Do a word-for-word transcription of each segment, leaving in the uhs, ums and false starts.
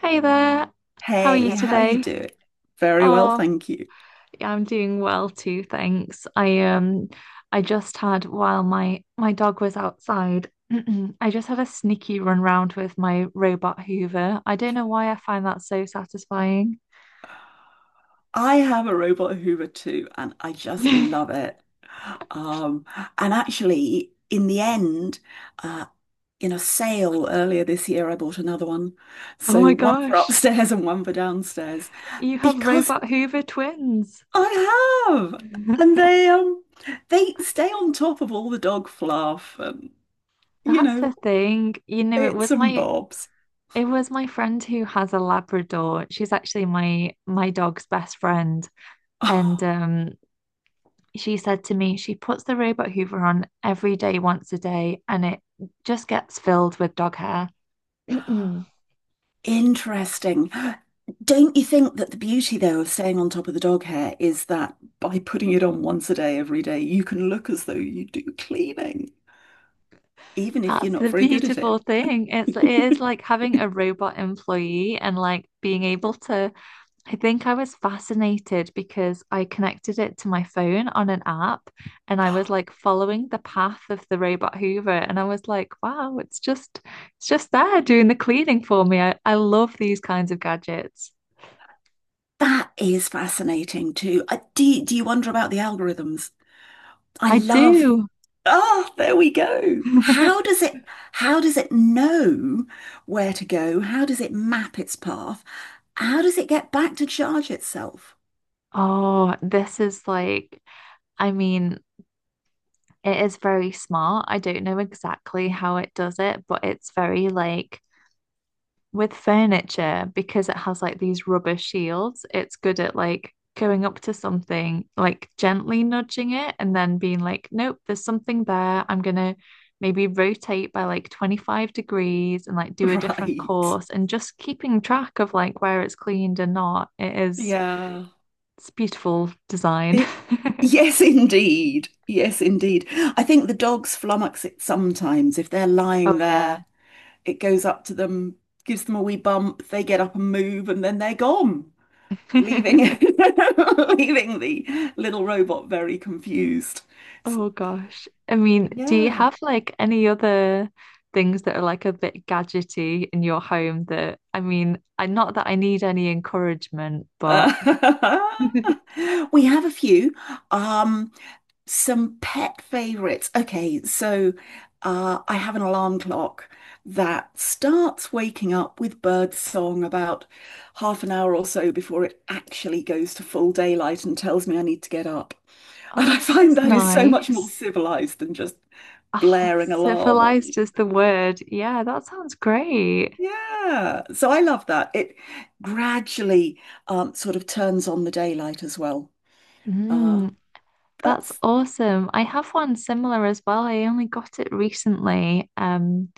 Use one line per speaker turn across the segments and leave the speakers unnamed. Hey there, how are you
Hey,
Hey.
how you
Today?
doing? Very well,
Oh,
thank you.
yeah, I'm doing well too, thanks. I um, I just had while my my dog was outside, I just had a sneaky run round with my robot Hoover. I don't know why I find that so satisfying.
I have a robot Hoover too, and I just love it. Um, and actually, in the end, uh, in a sale earlier this year, I bought another one.
Oh
So
my
one for
gosh,
upstairs and one for downstairs
you have
because
robot Hoover twins.
I have, and they um they stay on top of all the dog fluff and you
That's
know
the thing. You know, it
bits
was
and
my
bobs.
it was my friend who has a Labrador. She's actually my my dog's best friend. And um, she said to me, she puts the robot hoover on every day, once a day, and it just gets filled with dog hair. That's
Interesting. Don't you think that the beauty, though, of staying on top of the dog hair is that by putting it on once a day, every day, you can look as though you do cleaning, even if you're not
the
very good at
beautiful
it?
thing. It's it is like having a robot employee and like being able to I think I was fascinated because I connected it to my phone on an app and I was like following the path of the robot Hoover and I was like, wow, it's just it's just there doing the cleaning for me. I, I love these kinds of gadgets.
That is fascinating too. I, do, do you wonder about the algorithms? I
I
love.
do.
Ah, there we go. How does it how does it know where to go? How does it map its path? How does it get back to charge itself?
Oh, this is like, I mean, it is very smart. I don't know exactly how it does it, but it's very like with furniture, because it has like these rubber shields, it's good at like going up to something, like gently nudging it, and then being like, nope, there's something there. I'm gonna maybe rotate by like twenty-five degrees and like do a different
Right.
course, and just keeping track of like where it's cleaned and not. It is,
Yeah.
it's beautiful design.
It, yes, indeed. Yes, indeed. I think the dogs flummox it sometimes. If they're
Oh,
lying
yeah.
there, it goes up to them, gives them a wee bump, they get up and move, and then they're gone, leaving leaving the little robot very confused. So,
Oh gosh. I mean, do you
yeah.
have like any other things that are like a bit gadgety in your home that I mean, I not that I need any encouragement, but
Uh, we have a few. Um, some pet favorites. Okay, so uh, I have an alarm clock that starts waking up with bird song about half an hour or so before it actually goes to full daylight and tells me I need to get up. And
oh,
I
this
find
is
that is so much more
nice.
civilized than just
Ah,
blaring alarm or
civilized is the word. Yeah, that sounds great.
yeah. So I love that. It gradually um, sort of turns on the daylight as well. Uh,
Mm, that's
That's
awesome. I have one similar as well. I only got it recently. Um.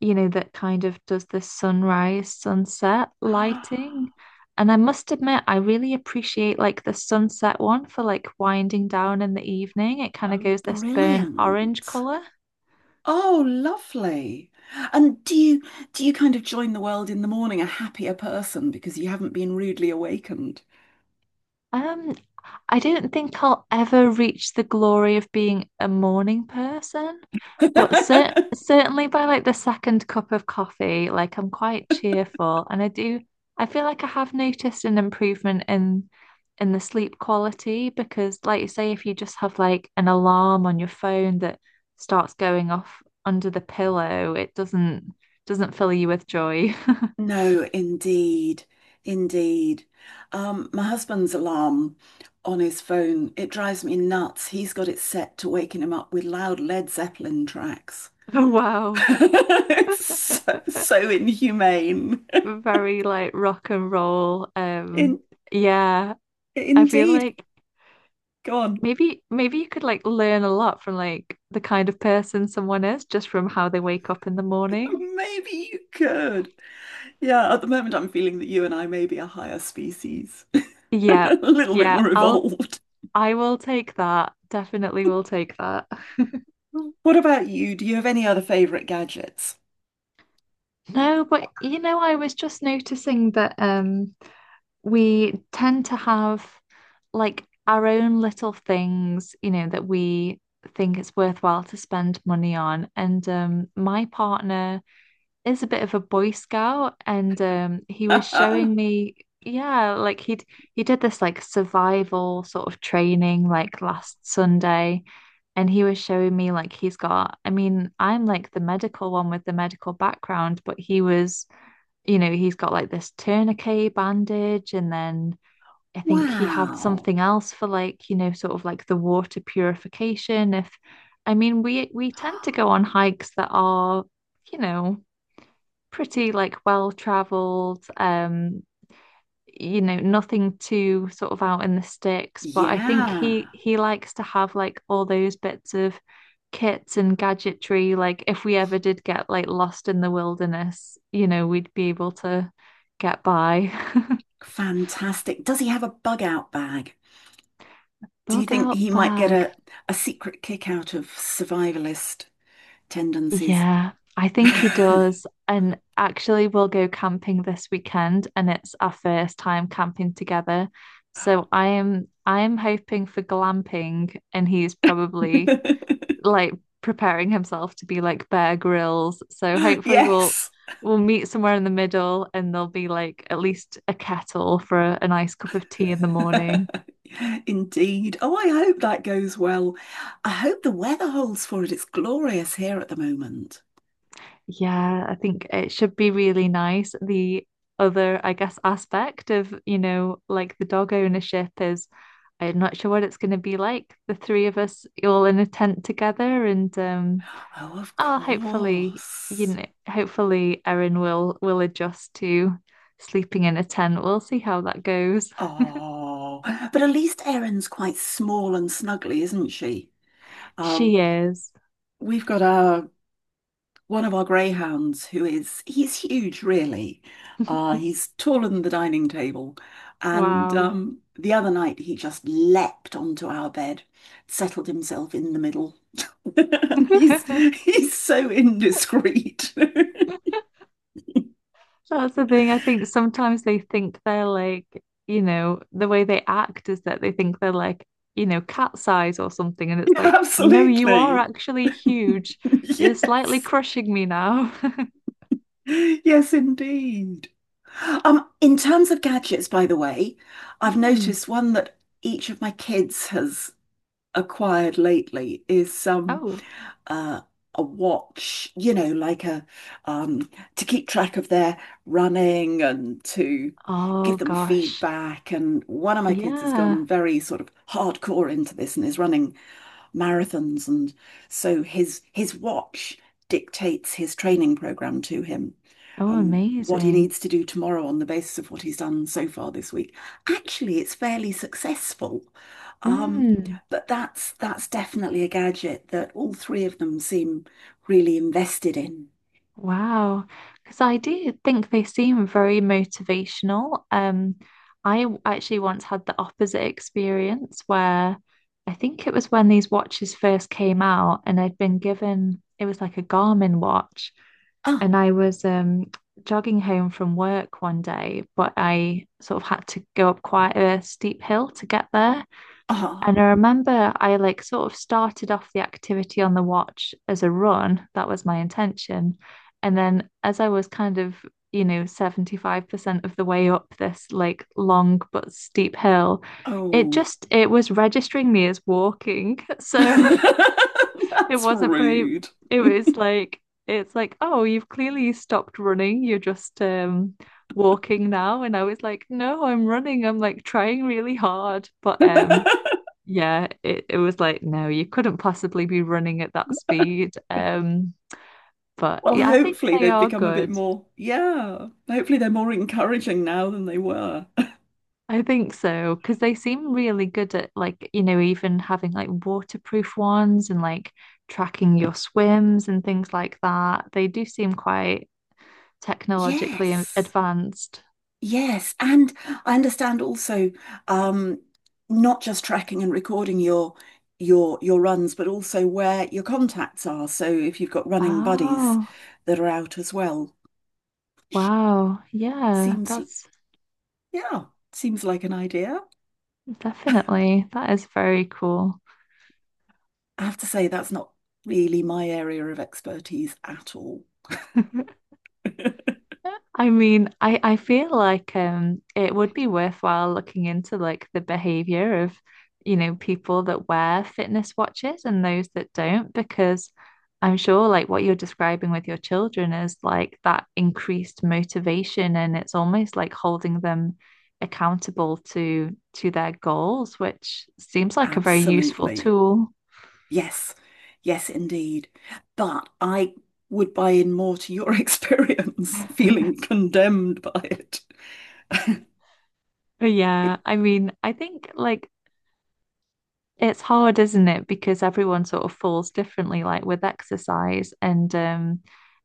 you know, that kind of does the sunrise, sunset
oh,
lighting. And I must admit, I really appreciate like the sunset one for like winding down in the evening. It kind of goes this burnt orange
brilliant.
color.
Oh, lovely. And do you, do you kind of join the world in the morning a happier person because you haven't been rudely awakened?
Um, I don't think I'll ever reach the glory of being a morning person, but cer certainly by like the second cup of coffee, like I'm quite cheerful and I do I feel like I have noticed an improvement in in the sleep quality because like you say if you just have like an alarm on your phone that starts going off under the pillow, it doesn't doesn't fill you with joy.
No, indeed. Indeed. Um, my husband's alarm on his phone, it drives me nuts. He's got it set to waking him up with loud Led Zeppelin tracks.
Oh,
It's
wow.
so, so inhumane.
Very like rock and roll. Um,
In,
yeah, I feel
indeed.
like
Go on.
maybe maybe you could like learn a lot from like the kind of person someone is just from how they wake up in the morning.
Maybe you could. Yeah, at the moment, I'm feeling that you and I may be a higher species,
Yeah,
a little bit
yeah,
more
I'll
evolved.
I will take that. Definitely will take that.
What about you? Do you have any other favorite gadgets?
No, but you know, I was just noticing that um we tend to have like our own little things, you know, that we think it's worthwhile to spend money on. And um, my partner is a bit of a Boy Scout, and um, he was showing me, yeah, like he'd he did this like survival sort of training like last Sunday, and he was showing me like he's got, I mean, I'm like the medical one with the medical background, but he was you know, he's got like this tourniquet bandage and then I think he had
Wow.
something else for like, you know, sort of like the water purification. If I mean, we we tend to go on hikes that are, you know, pretty like well traveled, um, you know, nothing too sort of out in the sticks, but I think he
Yeah.
he likes to have like all those bits of kits and gadgetry. Like if we ever did get like lost in the wilderness, you know, we'd be able to get by.
Fantastic. Does he have a bug out bag? Do you
Bug
think
out
he might get
bag.
a, a secret kick out of survivalist tendencies?
Yeah, I think he does. And actually, we'll go camping this weekend, and it's our first time camping together. So I am I am hoping for glamping, and he's probably like preparing himself to be like Bear grills. So hopefully we'll
Yes.
we'll meet somewhere in the middle, and there'll be like at least a kettle for a, a nice cup of tea in the morning.
Indeed. Oh, I hope that goes well. I hope the weather holds for it. It's glorious here at the moment.
Yeah, I think it should be really nice. The other, I guess, aspect of, you know, like the dog ownership is I'm not sure what it's going to be like. The three of us all in a tent together and um
Oh, of
oh, hopefully, you
course.
know, hopefully Erin will will adjust to sleeping in a tent. We'll see how that goes.
Oh, but at least Erin's quite small and snuggly, isn't she? Um,
She is.
we've got our one of our greyhounds who is, he's huge, really. Uh he's taller than the dining table, and
Wow.
um the other night he just leapt onto our bed, settled himself in the middle. And he's he's so indiscreet.
That's the thing. I think sometimes they think they're like, you know, the way they act is that they think they're like, you know, cat size or something. And it's like, no, you are
Absolutely.
actually huge. You're slightly
Yes,
crushing me now.
yes indeed. Um in terms of gadgets, by the way, I've
Mm.
noticed one that each of my kids has acquired lately is um
Oh.
uh, a watch, you know, like a um, to keep track of their running and to
Oh
give them
gosh.
feedback. And one of my kids has
Yeah.
gone very sort of hardcore into this and is running marathons, and so his his watch dictates his training program to him.
Oh,
Um, what he
amazing.
needs to do tomorrow on the basis of what he's done so far this week. Actually, it's fairly successful. Um,
Mm.
but that's that's definitely a gadget that all three of them seem really invested in.
Wow. Because I do think they seem very motivational. Um, I w- actually once had the opposite experience where I think it was when these watches first came out, and I'd been given it was like a Garmin watch.
Ah,
And I was um jogging home from work one day, but I sort of had to go up quite a steep hill to get there. And
ah,
I remember I like sort of started off the activity on the watch as a run. That was my intention. And then as I was kind of, you know, seventy-five percent of the way up this like long but steep hill, it
oh.
just it was registering me as walking. So it
That's
wasn't very,
rude.
it was like, it's like, oh, you've clearly stopped running. You're just um walking now. And I was like, no, I'm running. I'm like trying really hard. But um yeah, it, it was like, no, you couldn't possibly be running at that speed. Um, but
Well,
yeah, I think
hopefully
they
they've
are
become a bit
good.
more, yeah. Hopefully they're more encouraging now than they were.
I think so, because they seem really good at like, you know, even having like waterproof ones and like tracking your swims and things like that. They do seem quite technologically a-
Yes.
advanced.
Yes, and I understand also, um, not just tracking and recording your your your runs, but also where your contacts are. So if you've got running buddies
Oh,
that are out as well,
wow. Yeah,
seems,
that's
yeah, seems like an idea.
definitely, that is very cool.
I have to say that's not really my area of expertise at all.
I mean, I, I feel like um it would be worthwhile looking into like the behavior of, you know, people that wear fitness watches and those that don't, because I'm sure like what you're describing with your children is like that increased motivation and it's almost like holding them accountable to to their goals, which seems like a very useful
Absolutely.
tool.
Yes. Yes, indeed. But I would buy in more to your experience, feeling condemned by it.
Yeah,
It-
I mean, I think like it's hard, isn't it? Because everyone sort of falls differently, like with exercise, and um,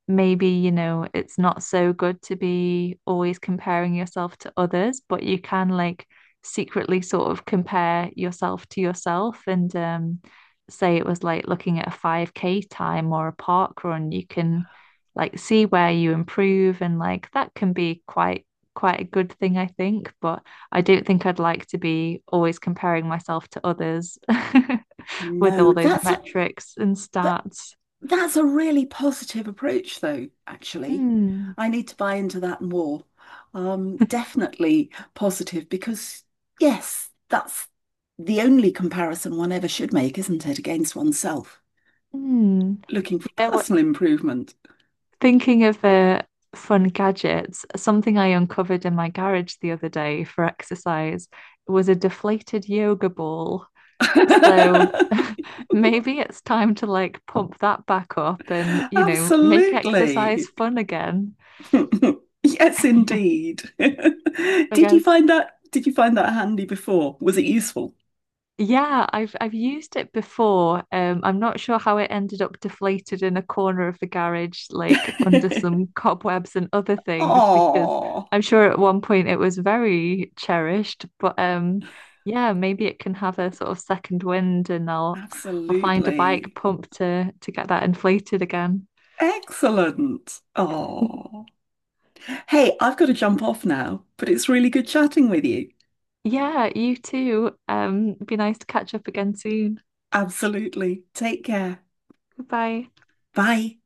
maybe, you know, it's not so good to be always comparing yourself to others, but you can like secretly sort of compare yourself to yourself and um, say it was like looking at a five K time or a park run, you can like see where you improve and like that can be quite quite a good thing, I think. But I don't think I'd like to be always comparing myself to others with
no,
all those
that's a,
metrics and
but
stats.
that's a really positive approach though, actually.
Mm,
I need to buy into that more. Um, definitely positive because yes, that's the only comparison one ever should make, isn't it, against oneself?
mm.
Looking
You
for
know what?
personal improvement.
Thinking of uh, fun gadgets, something I uncovered in my garage the other day for exercise was a deflated yoga ball. So maybe it's time to like pump that back up and, you know, make exercise
Absolutely.
fun again,
Yes, indeed.
I
Did you
guess.
find that did you find that handy before? Was it useful?
Yeah, I've I've used it before. Um, I'm not sure how it ended up deflated in a corner of the garage, like under some cobwebs and other things, because
Oh,
I'm sure at one point it was very cherished. But um, yeah, maybe it can have a sort of second wind, and I'll I'll find a bike
absolutely.
pump to to get that inflated again.
Excellent. Oh. Hey, I've got to jump off now, but it's really good chatting with you.
Yeah, you too. Um, be nice to catch up again soon.
Absolutely. Take care.
Goodbye.
Bye.